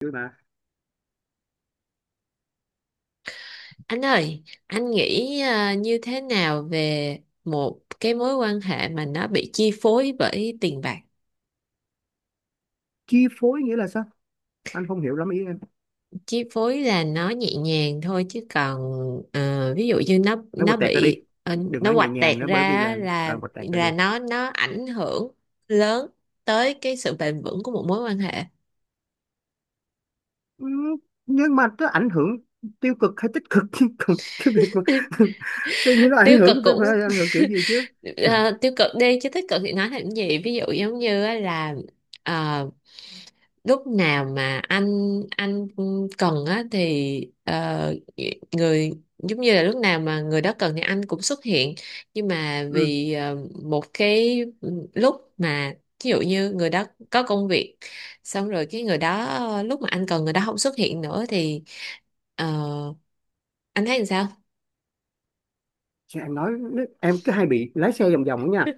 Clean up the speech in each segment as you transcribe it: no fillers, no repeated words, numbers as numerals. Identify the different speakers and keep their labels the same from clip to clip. Speaker 1: Vui mà.
Speaker 2: Anh ơi, anh nghĩ như thế nào về một cái mối quan hệ mà nó bị chi phối bởi tiền bạc?
Speaker 1: Chi phối nghĩa là sao? Anh không hiểu lắm ý em.
Speaker 2: Chi phối là nó nhẹ nhàng thôi chứ còn ví dụ như nó
Speaker 1: Nói
Speaker 2: nó
Speaker 1: quạch tẹt ra đi,
Speaker 2: bị
Speaker 1: đừng
Speaker 2: nó
Speaker 1: nói nhẹ
Speaker 2: huạch tẹt
Speaker 1: nhàng nữa, bởi
Speaker 2: ra
Speaker 1: vì
Speaker 2: á,
Speaker 1: là
Speaker 2: là
Speaker 1: quạch tẹt ra đi.
Speaker 2: là nó ảnh hưởng lớn tới cái sự bền vững của một mối quan hệ.
Speaker 1: Ừ, nhưng mà nó ảnh hưởng tiêu cực hay tích cực chứ còn cái việc mà tự nhiên nó
Speaker 2: Tiêu
Speaker 1: ảnh
Speaker 2: cực
Speaker 1: hưởng, phải
Speaker 2: cũng
Speaker 1: phải ảnh hưởng kiểu gì chứ.
Speaker 2: Ờ, tiêu cực đi chứ tích cực thì nói làm gì, ví dụ giống như á là ờ, lúc nào mà anh cần á thì người, giống như là lúc nào mà người đó cần thì anh cũng xuất hiện, nhưng mà
Speaker 1: Ừ.
Speaker 2: vì một cái lúc mà ví dụ như người đó có công việc xong rồi cái người đó lúc mà anh cần người đó không xuất hiện nữa thì ờ, anh thấy làm sao?
Speaker 1: Chứ em nói, em cứ hay bị lái xe vòng vòng đó nha,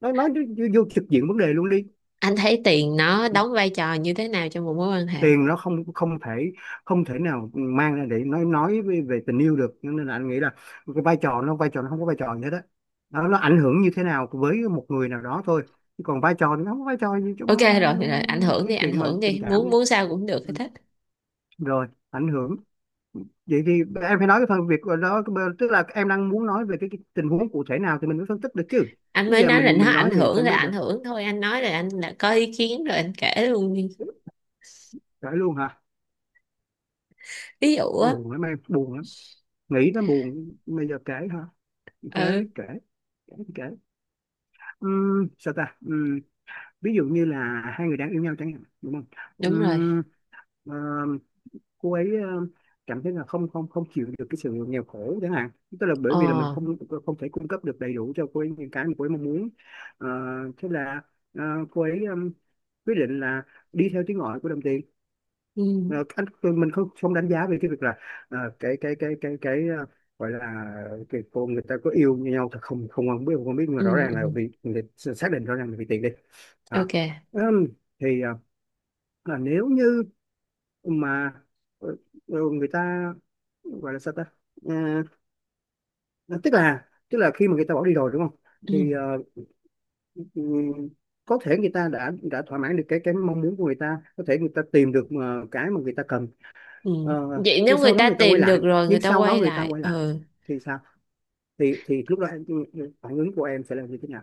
Speaker 1: nói vô vô trực diện vấn đề luôn đi.
Speaker 2: Anh thấy tiền nó đóng vai trò như thế nào trong một mối quan hệ?
Speaker 1: Tiền nó không không thể không thể nào mang ra để nói về tình yêu được, nên là anh nghĩ là cái vai trò nó không có vai trò gì hết đó. Nó ảnh hưởng như thế nào với một người nào đó thôi, chứ còn vai trò thì nó không có vai trò gì
Speaker 2: Ok,
Speaker 1: trong
Speaker 2: rồi rồi, ảnh hưởng
Speaker 1: cái
Speaker 2: đi, ảnh
Speaker 1: chuyện mà
Speaker 2: hưởng
Speaker 1: tình
Speaker 2: đi,
Speaker 1: cảm
Speaker 2: muốn
Speaker 1: ấy.
Speaker 2: muốn sao cũng được hết,
Speaker 1: Ừ,
Speaker 2: thích
Speaker 1: rồi ảnh hưởng. Vậy thì em phải nói cái phần việc đó, tức là em đang muốn nói về cái tình huống cụ thể nào thì mình mới phân tích được chứ,
Speaker 2: anh
Speaker 1: chứ
Speaker 2: mới
Speaker 1: giờ
Speaker 2: nói là
Speaker 1: mình
Speaker 2: nó ảnh
Speaker 1: nói vậy sao
Speaker 2: hưởng
Speaker 1: em
Speaker 2: là
Speaker 1: biết được.
Speaker 2: ảnh hưởng thôi, anh nói là anh là có ý kiến rồi anh kể luôn đi.
Speaker 1: Phải luôn hả?
Speaker 2: Ví dụ á.
Speaker 1: Buồn lắm, em buồn lắm, nghĩ nó buồn. Bây giờ kể hả? Kể.
Speaker 2: Ừ,
Speaker 1: Kể. Kể kể. Sao ta? Ví dụ như là hai người đang yêu nhau chẳng hạn, đúng không?
Speaker 2: đúng rồi.
Speaker 1: Ừm, ờ, cô ấy cảm thấy là không không không chịu được cái sự nghèo khổ chẳng hạn, tức là bởi vì là mình
Speaker 2: Ờ.
Speaker 1: không không thể cung cấp được đầy đủ cho cô ấy những cái mà cô ấy mong muốn. Ờ, thế là ờ, cô ấy quyết định là đi theo tiếng gọi của đồng tiền.
Speaker 2: Ừ,
Speaker 1: Ờ, anh, mình không không đánh giá về cái việc là cái gọi là, cái cô, người ta có yêu nhau thì không không không biết không biết, nhưng mà rõ
Speaker 2: ừ,
Speaker 1: ràng
Speaker 2: ừ.
Speaker 1: là vì người ta xác định rõ ràng là vì tiền đi, đó.
Speaker 2: Ok.
Speaker 1: Ừm, thì là nếu như mà ờ, người ta gọi là sao ta. Ờ, ờ, tức là, khi mà người ta bỏ đi rồi, đúng không?
Speaker 2: Ừ,
Speaker 1: Thì ừm, có thể người ta đã thỏa mãn được cái mong muốn của người ta, có thể người ta tìm được cái mà người ta cần.
Speaker 2: ừ.
Speaker 1: Ờ,
Speaker 2: Vậy nếu người ta tìm được rồi người
Speaker 1: nhưng
Speaker 2: ta
Speaker 1: sau đó
Speaker 2: quay
Speaker 1: người ta
Speaker 2: lại,
Speaker 1: quay lại
Speaker 2: ừ,
Speaker 1: thì sao? Thì lúc đó em, phản ứng của em sẽ là như thế nào?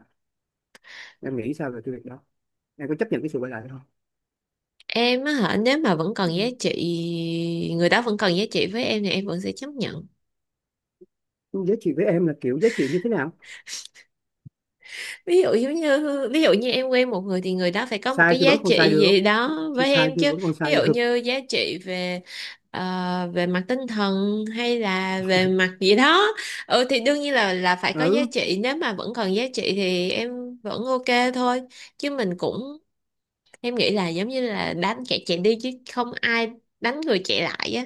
Speaker 1: Em nghĩ sao về cái việc đó? Em có chấp nhận cái sự quay lại không?
Speaker 2: em á hả, nếu mà vẫn còn giá
Speaker 1: Ừ.
Speaker 2: trị, người đó vẫn còn giá trị với em thì em vẫn sẽ chấp nhận.
Speaker 1: Giá trị với em là kiểu giá trị như thế nào?
Speaker 2: Ví dụ giống như, ví dụ như em quen một người thì người đó phải có một
Speaker 1: Sai
Speaker 2: cái
Speaker 1: thì
Speaker 2: giá
Speaker 1: vẫn còn sai
Speaker 2: trị
Speaker 1: được,
Speaker 2: gì đó
Speaker 1: thì
Speaker 2: với
Speaker 1: sai
Speaker 2: em
Speaker 1: thì
Speaker 2: chứ.
Speaker 1: vẫn còn
Speaker 2: Ví
Speaker 1: sai
Speaker 2: dụ
Speaker 1: được.
Speaker 2: như giá trị về về mặt tinh thần hay là về mặt gì đó, ừ thì đương nhiên là phải có giá
Speaker 1: Ừ,
Speaker 2: trị, nếu mà vẫn còn giá trị thì em vẫn ok thôi. Chứ mình cũng, em nghĩ là giống như là đánh kẻ chạy đi chứ không ai đánh người chạy lại á,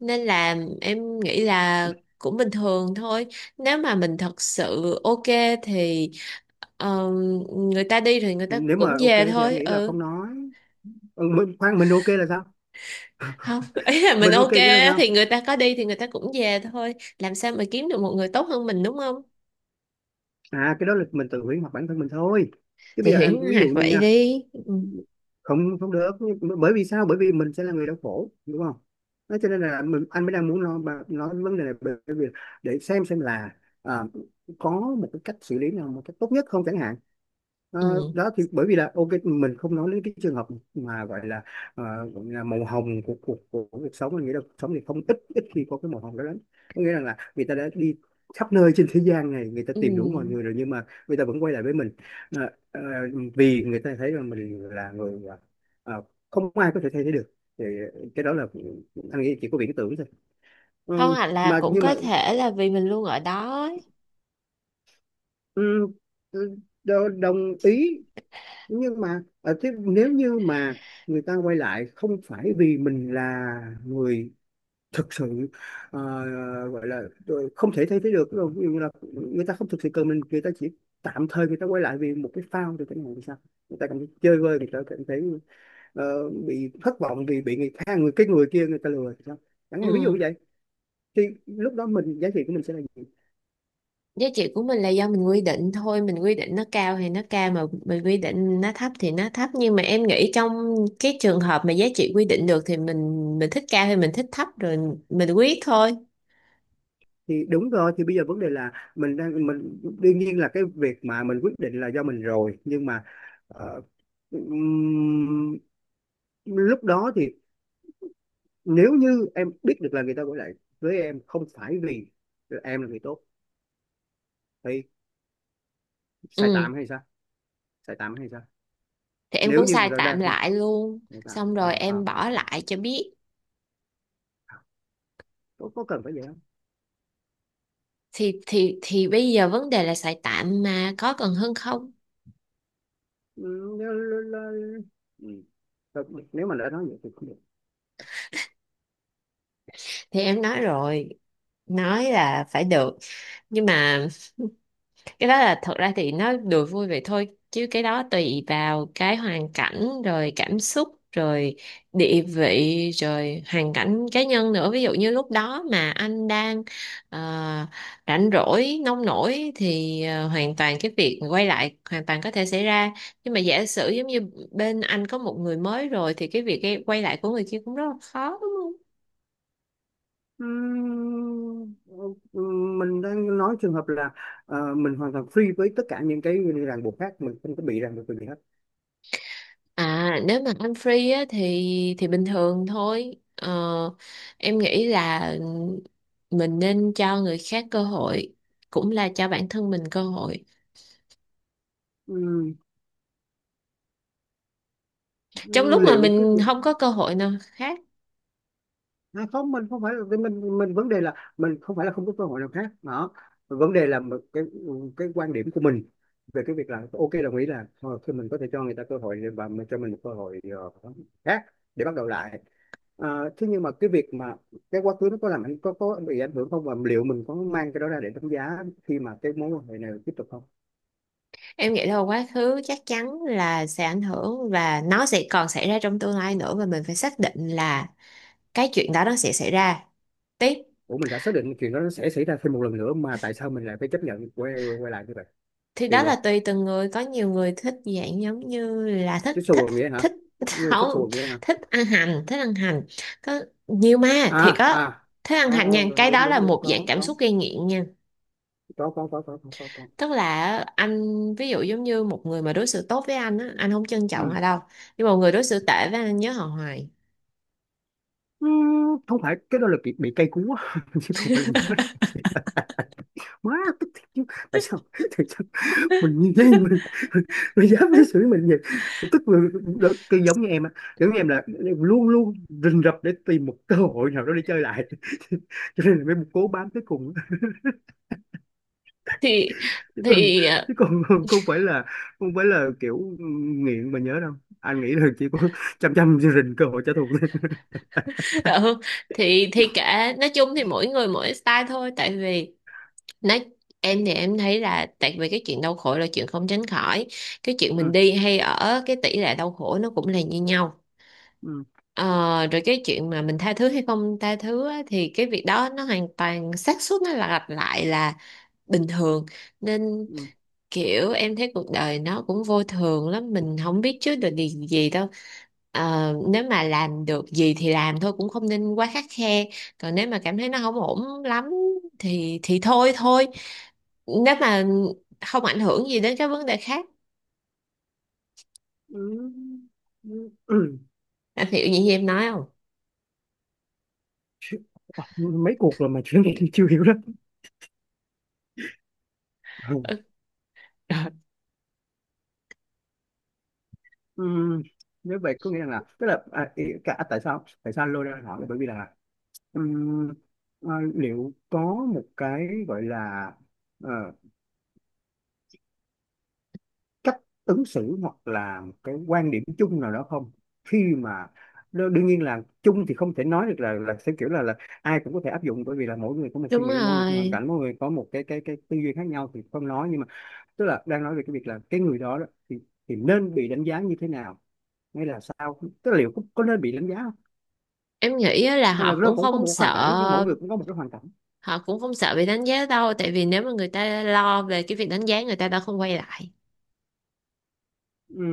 Speaker 2: nên là em nghĩ là cũng bình thường thôi, nếu mà mình thật sự ok thì Ờ, người ta đi thì người ta
Speaker 1: nếu
Speaker 2: cũng
Speaker 1: mà ok
Speaker 2: về
Speaker 1: thì anh
Speaker 2: thôi.
Speaker 1: nghĩ là
Speaker 2: Ừ,
Speaker 1: không nói. Ừ, mình, khoan, mình ok là sao?
Speaker 2: không. Ý là mình
Speaker 1: Mình ok
Speaker 2: ok
Speaker 1: nghĩa là
Speaker 2: á,
Speaker 1: sao?
Speaker 2: thì người ta có đi thì người ta cũng về thôi, làm sao mà kiếm được một người tốt hơn mình, đúng không?
Speaker 1: Cái đó là mình tự hủy hoặc bản thân mình thôi, chứ
Speaker 2: Thì
Speaker 1: bây giờ
Speaker 2: huyễn
Speaker 1: em ví
Speaker 2: hoặc
Speaker 1: dụ như
Speaker 2: vậy
Speaker 1: nha,
Speaker 2: đi, ừ.
Speaker 1: không không được. Bởi vì sao? Bởi vì mình sẽ là người đau khổ, đúng không? Nói cho nên là mình, anh mới đang muốn nói vấn đề này, bởi vì để xem là à, có một cái cách xử lý nào một cách tốt nhất không, chẳng hạn. Ờ,
Speaker 2: Ừ.
Speaker 1: đó, thì bởi vì là ok, mình không nói đến cái trường hợp mà gọi là ờ, màu hồng của cuộc, của cuộc sống, mình nghĩ là cuộc sống thì không, ít ít khi có cái màu hồng đó lắm. Có nghĩa rằng là người ta đã đi khắp nơi trên thế gian này, người ta tìm đủ mọi
Speaker 2: Ừ.
Speaker 1: người rồi nhưng mà người ta vẫn quay lại với mình. Ờ, ờ, vì người ta thấy rằng mình là người, ờ, không ai có thể thay thế được, thì cái đó là anh nghĩ chỉ có viễn tưởng thôi. Ờ,
Speaker 2: Không, hoặc là
Speaker 1: mà
Speaker 2: cũng
Speaker 1: nhưng mà
Speaker 2: có thể là vì mình luôn ở đó ấy.
Speaker 1: ừ, ừ, đồng ý, nhưng mà ở thế, nếu như mà người ta quay lại không phải vì mình là người thực sự ờ, gọi là không thể thay thế được, ví dụ như là người ta không thực sự cần mình, người ta chỉ tạm thời người ta quay lại vì một cái phao, thì cái này thì sao? Người ta cảm thấy chơi vơi, người ta cảm thấy bị thất vọng vì bị người khác, người cái người kia người ta lừa thì sao, chẳng hạn ví dụ
Speaker 2: Ừ.
Speaker 1: vậy. Thì lúc đó mình, giá trị của mình sẽ là gì?
Speaker 2: Giá trị của mình là do mình quy định thôi, mình quy định nó cao thì nó cao, mà mình quy định nó thấp thì nó thấp, nhưng mà em nghĩ trong cái trường hợp mà giá trị quy định được thì mình thích cao thì mình thích, thấp rồi mình quyết thôi.
Speaker 1: Thì đúng rồi, thì bây giờ vấn đề là mình đang, mình đương nhiên là cái việc mà mình quyết định là do mình rồi, nhưng mà ờ, ừm, lúc đó thì nếu như em biết được là người ta gọi lại với em không phải vì em là người tốt, thì sai
Speaker 2: Ừ,
Speaker 1: tạm hay sao? Sai tạm hay sao?
Speaker 2: thì em
Speaker 1: Nếu
Speaker 2: cũng
Speaker 1: như mà
Speaker 2: xài
Speaker 1: nó
Speaker 2: tạm
Speaker 1: đang không,
Speaker 2: lại luôn,
Speaker 1: không tạm,
Speaker 2: xong rồi em bỏ lại cho biết.
Speaker 1: Có cần phải vậy không?
Speaker 2: Thì bây giờ vấn đề là xài tạm mà có cần hơn không?
Speaker 1: Ừ, nếu, ừ. Nếu mà đã nói vậy thì không.
Speaker 2: Thì em nói rồi, nói là phải được, nhưng mà cái đó là thật ra thì nó đùa vui vậy thôi, chứ cái đó tùy vào cái hoàn cảnh rồi cảm xúc rồi địa vị rồi hoàn cảnh cá nhân nữa. Ví dụ như lúc đó mà anh đang ờ, rảnh rỗi nông nổi thì hoàn toàn cái việc quay lại hoàn toàn có thể xảy ra, nhưng mà giả sử giống như bên anh có một người mới rồi thì cái việc quay lại của người kia cũng rất là khó, đúng không?
Speaker 1: Ừm, mình đang nói trường hợp là mình hoàn toàn free với tất cả những cái ràng buộc khác, mình không có bị ràng buộc về gì hết.
Speaker 2: À nếu mà ăn free á, thì bình thường thôi. Ờ, em nghĩ là mình nên cho người khác cơ hội, cũng là cho bản thân mình cơ hội.
Speaker 1: Ừm,
Speaker 2: Trong lúc mà
Speaker 1: liệu cái
Speaker 2: mình không có cơ hội nào khác,
Speaker 1: Không, mình không phải là, mình vấn đề là mình không phải là không có cơ hội nào khác đó. Vấn đề là một cái quan điểm của mình về cái việc là ok, đồng ý là thôi thì mình có thể cho người ta cơ hội và mình cho mình một cơ hội khác để bắt đầu lại. Thế nhưng mà cái việc mà cái quá khứ nó có làm ảnh có bị ảnh hưởng không, và liệu mình có mang cái đó ra để đánh giá khi mà cái mối quan hệ này tiếp tục không?
Speaker 2: em nghĩ là quá khứ chắc chắn là sẽ ảnh hưởng và nó sẽ còn xảy ra trong tương lai nữa, và mình phải xác định là cái chuyện đó nó sẽ xảy ra. Tiếp
Speaker 1: Ủa, mình đã xác định chuyện đó nó sẽ xảy ra thêm một lần nữa mà tại sao mình lại phải chấp nhận quay quay lại như vậy?
Speaker 2: thì đó
Speaker 1: Thì vậy,
Speaker 2: là tùy từng người, có nhiều người thích dạng giống như là thích
Speaker 1: thích
Speaker 2: thích
Speaker 1: xù nghĩa hả?
Speaker 2: thích
Speaker 1: Người thích
Speaker 2: Không,
Speaker 1: xù nghĩa hả?
Speaker 2: thích ăn hành, thích ăn hành, có nhiều mà
Speaker 1: à
Speaker 2: thiệt á.
Speaker 1: à
Speaker 2: Thích ăn
Speaker 1: Ờ,
Speaker 2: hành nha,
Speaker 1: ờ,
Speaker 2: cái
Speaker 1: đúng
Speaker 2: đó là
Speaker 1: đúng đúng,
Speaker 2: một dạng cảm xúc gây nghiện nha.
Speaker 1: có, có.
Speaker 2: Tức là anh ví dụ giống như một người mà đối xử tốt với anh á, anh không trân trọng
Speaker 1: Ừ.
Speaker 2: họ đâu, nhưng mà một người đối xử tệ với anh nhớ họ hoài.
Speaker 1: Ừ, không phải, cái đó là bị cây cú á, chứ không phải là nhớ má. Tức thiệt chứ. Tại sao? Tại sao mình như thế? Mình, dám đối xử mình vậy? Mình tức là đó, cái giống như em á, giống như em là luôn luôn rình rập để tìm một cơ hội nào đó để chơi lại cho nên là mới cố bám tới cùng,
Speaker 2: thì
Speaker 1: chứ còn,
Speaker 2: thì
Speaker 1: không phải là, kiểu nghiện mà nhớ đâu, anh nghĩ là chỉ có chăm chăm rình cơ hội trả thù thôi.
Speaker 2: ờ, ừ, thì kệ, nói chung thì mỗi người mỗi style thôi. Tại vì nói, em thì em thấy là tại vì cái chuyện đau khổ là chuyện không tránh khỏi, cái chuyện mình
Speaker 1: Ừ.
Speaker 2: đi hay ở cái tỷ lệ đau khổ nó cũng là như nhau.
Speaker 1: Ừ.
Speaker 2: Ờ, rồi cái chuyện mà mình tha thứ hay không tha thứ á, thì cái việc đó nó hoàn toàn, xác suất nó là lặp lại là bình thường. Nên
Speaker 1: Ừ.
Speaker 2: kiểu em thấy cuộc đời nó cũng vô thường lắm, mình không biết trước được điều gì đâu. Ờ, nếu mà làm được gì thì làm thôi, cũng không nên quá khắt khe, còn nếu mà cảm thấy nó không ổn lắm thì thôi thôi nếu mà không ảnh hưởng gì đến các vấn đề khác.
Speaker 1: Ừ. Ừ. Ừ.
Speaker 2: Anh hiểu những gì em nói không?
Speaker 1: Chứ- mấy cuộc rồi mà chuyện này chưa hiểu lắm. Ừ.
Speaker 2: Ừ.
Speaker 1: Ừ, nếu vậy có nghĩa là, tức là, cả, tại sao, anh lôi ra hỏi là bởi vì là ừm, liệu có một cái gọi là ờ, cách ứng xử hoặc là một cái quan điểm chung nào đó không, khi mà đương nhiên là chung thì không thể nói được là, theo kiểu là, ai cũng có thể áp dụng, bởi vì là mỗi người có một suy
Speaker 2: Đúng
Speaker 1: nghĩ, mỗi người có một hoàn
Speaker 2: rồi,
Speaker 1: cảnh, mỗi người có một cái tư duy khác nhau thì không nói, nhưng mà tức là đang nói về cái việc là cái người đó, thì nên bị đánh giá như thế nào, hay là sao, tức là liệu có, nên bị đánh giá không,
Speaker 2: em nghĩ á là
Speaker 1: hay là
Speaker 2: họ
Speaker 1: nó
Speaker 2: cũng
Speaker 1: cũng có
Speaker 2: không
Speaker 1: một hoàn cảnh, mỗi
Speaker 2: sợ,
Speaker 1: người cũng có một cái hoàn cảnh.
Speaker 2: họ cũng không sợ bị đánh giá đâu, tại vì nếu mà người ta lo về cái việc đánh giá người ta đã không quay lại.
Speaker 1: Ừ.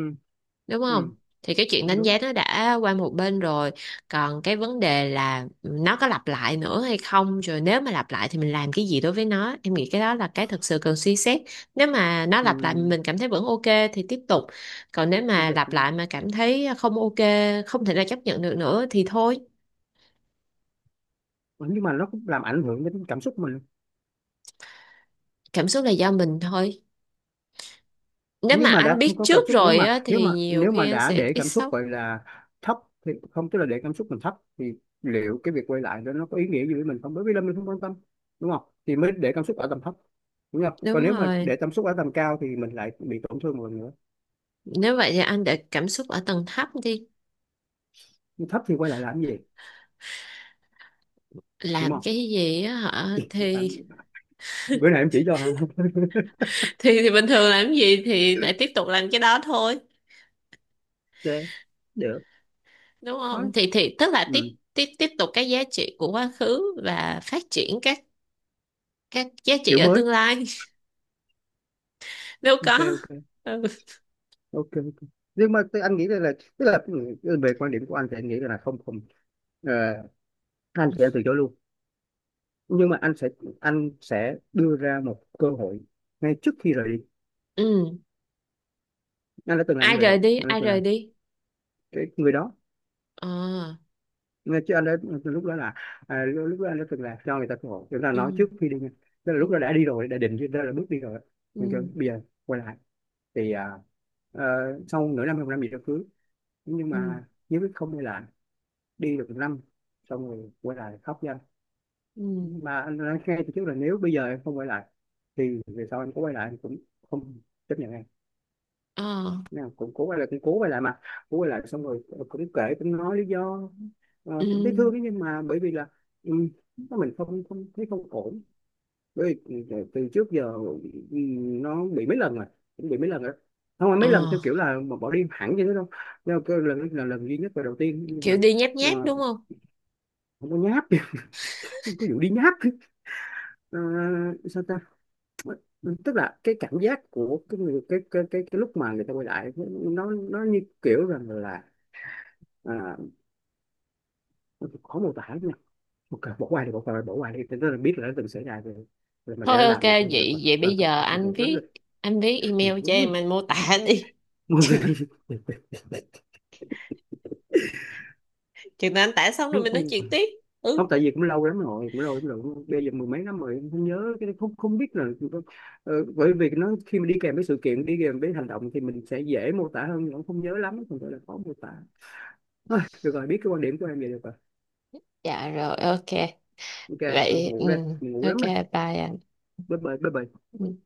Speaker 2: Đúng không?
Speaker 1: Ừ.
Speaker 2: Thì cái chuyện
Speaker 1: Cũng
Speaker 2: đánh
Speaker 1: đúng.
Speaker 2: giá nó đã qua một bên rồi, còn cái vấn đề là nó có lặp lại nữa hay không, rồi nếu mà lặp lại thì mình làm cái gì đối với nó, em nghĩ cái đó là cái thực sự cần suy xét. Nếu mà nó lặp lại
Speaker 1: Ừ,
Speaker 2: mình cảm thấy vẫn ok thì tiếp tục, còn nếu
Speaker 1: Chứ
Speaker 2: mà
Speaker 1: việc-
Speaker 2: lặp lại mà cảm thấy không ok, không thể nào chấp nhận được nữa thì thôi.
Speaker 1: nhưng mà nó cũng làm ảnh hưởng đến cảm xúc mình.
Speaker 2: Cảm xúc là do mình thôi, nếu mà
Speaker 1: Nhưng mà đã
Speaker 2: anh
Speaker 1: không
Speaker 2: biết
Speaker 1: có cảm
Speaker 2: trước
Speaker 1: xúc, nếu
Speaker 2: rồi
Speaker 1: mà
Speaker 2: á, thì nhiều khi anh
Speaker 1: đã
Speaker 2: sẽ
Speaker 1: để
Speaker 2: ít
Speaker 1: cảm xúc
Speaker 2: sốc.
Speaker 1: gọi là thấp thì không, tức là để cảm xúc mình thấp thì liệu cái việc quay lại đó nó có ý nghĩa gì với mình không, bởi vì là mình không quan tâm, đúng không, thì mới để cảm xúc ở tầm thấp, đúng không? Còn
Speaker 2: Đúng
Speaker 1: nếu mà
Speaker 2: rồi,
Speaker 1: để cảm xúc ở tầm cao thì mình lại bị tổn thương một lần nữa.
Speaker 2: nếu vậy thì anh để cảm xúc ở tầng thấp đi.
Speaker 1: Nhưng thấp thì quay lại làm gì, đúng
Speaker 2: Làm
Speaker 1: không?
Speaker 2: cái gì á hả, thì
Speaker 1: Bạn- bữa nay em chỉ cho hả?
Speaker 2: thì thì bình thường làm gì thì lại tiếp tục làm cái đó thôi,
Speaker 1: Ok, được.
Speaker 2: đúng
Speaker 1: Thôi.
Speaker 2: không? Thì tức là tiếp
Speaker 1: Ừ.
Speaker 2: tiếp tiếp tục cái giá trị của quá khứ và phát triển các giá trị
Speaker 1: Kiểu
Speaker 2: ở
Speaker 1: mới.
Speaker 2: tương lai. Nếu có,
Speaker 1: Ok, ok.
Speaker 2: ừ.
Speaker 1: Ok, ok, nhưng mà anh nghĩ là, tức là về quan điểm của anh thì anh nghĩ là không không. Ờ, anh thì anh từ chối luôn, nhưng mà anh sẽ, anh sẽ đưa ra một cơ hội ngay trước khi rời đi.
Speaker 2: Ừ,
Speaker 1: Anh đã từng làm
Speaker 2: ai
Speaker 1: như vậy
Speaker 2: rời
Speaker 1: rồi,
Speaker 2: đi
Speaker 1: anh đã
Speaker 2: ai
Speaker 1: từng
Speaker 2: rời
Speaker 1: làm.
Speaker 2: đi
Speaker 1: Cái người đó,
Speaker 2: Ờ.
Speaker 1: nghe chứ, anh đã, lúc đó là lúc đó anh đã từng là cho người ta cơ hội chúng ta
Speaker 2: Ừ.
Speaker 1: nói trước khi đi nha. Tức là
Speaker 2: Ừ.
Speaker 1: lúc đó đã đi rồi, đã định ra là bước đi rồi, nhưng chứ
Speaker 2: Ừ.
Speaker 1: bây giờ quay lại thì ờ, sau nửa năm hay một năm gì đó cưới, nhưng
Speaker 2: Ừ.
Speaker 1: mà nếu biết không đi lại, đi được một năm xong rồi quay lại khóc ra,
Speaker 2: Ừ.
Speaker 1: mà anh nói ngay từ trước là nếu bây giờ em không quay lại thì về sau anh có quay lại anh cũng không chấp nhận em.
Speaker 2: Ờ.
Speaker 1: Nào cũng cố quay lại, cũng cố quay lại, mà cố quay lại xong rồi cũng kể, cũng nói lý do.
Speaker 2: Ừ.
Speaker 1: Cũng thấy thương ấy, nhưng mà bởi vì là ừ, mình không không thấy, không ổn, bởi vì từ từ trước giờ ừ, nó bị mấy lần rồi, cũng bị mấy lần rồi, không phải
Speaker 2: Ờ,
Speaker 1: mấy lần theo kiểu là mà bỏ đi hẳn vậy đó đâu, nhưng mà cái lần là lần duy nhất và đầu tiên, nhưng
Speaker 2: kiểu
Speaker 1: mà
Speaker 2: đi nháp
Speaker 1: ờ,
Speaker 2: nháp, đúng không?
Speaker 1: không có nháp. Không có vụ đi nháp. Ờ, sao ta. Ừ, tức là cái cảm giác của cái người, cái lúc mà người ta quay lại, nó như kiểu rằng là à, khó mô tả lắm nha. Một cái bỏ qua thì bỏ qua, bỏ qua đi. Thế tức là biết là nó từng xảy ra rồi, rồi mình để
Speaker 2: Thôi
Speaker 1: nó
Speaker 2: ok,
Speaker 1: làm việc thôi, rồi
Speaker 2: vậy
Speaker 1: còn
Speaker 2: vậy bây
Speaker 1: ok.
Speaker 2: giờ
Speaker 1: Buồn
Speaker 2: anh
Speaker 1: ngủ lắm
Speaker 2: viết,
Speaker 1: rồi.
Speaker 2: anh viết email cho em,
Speaker 1: Buồn
Speaker 2: anh mô tả đi.
Speaker 1: ngủ.
Speaker 2: chừng chừng nào anh tả xong rồi
Speaker 1: Không,
Speaker 2: mình nói chuyện tiếp.
Speaker 1: không,
Speaker 2: Ừ.
Speaker 1: tại vì cũng lâu lắm rồi, cũng lâu lắm rồi, bây giờ mười mấy năm rồi không nhớ, cái không, không biết là bởi vì nó khi mình đi kèm với sự kiện, đi kèm với hành động thì mình sẽ dễ mô tả hơn, nhưng cũng không nhớ lắm, không phải là khó mô tả. Thôi, được rồi, biết cái quan điểm của em vậy được rồi.
Speaker 2: Dạ rồi, ok.
Speaker 1: Ok.
Speaker 2: Vậy, ừ,
Speaker 1: Ngủ đây, mình ngủ
Speaker 2: ok,
Speaker 1: lắm rồi.
Speaker 2: bye anh.
Speaker 1: Bye bye. Bye bye.
Speaker 2: Ừ.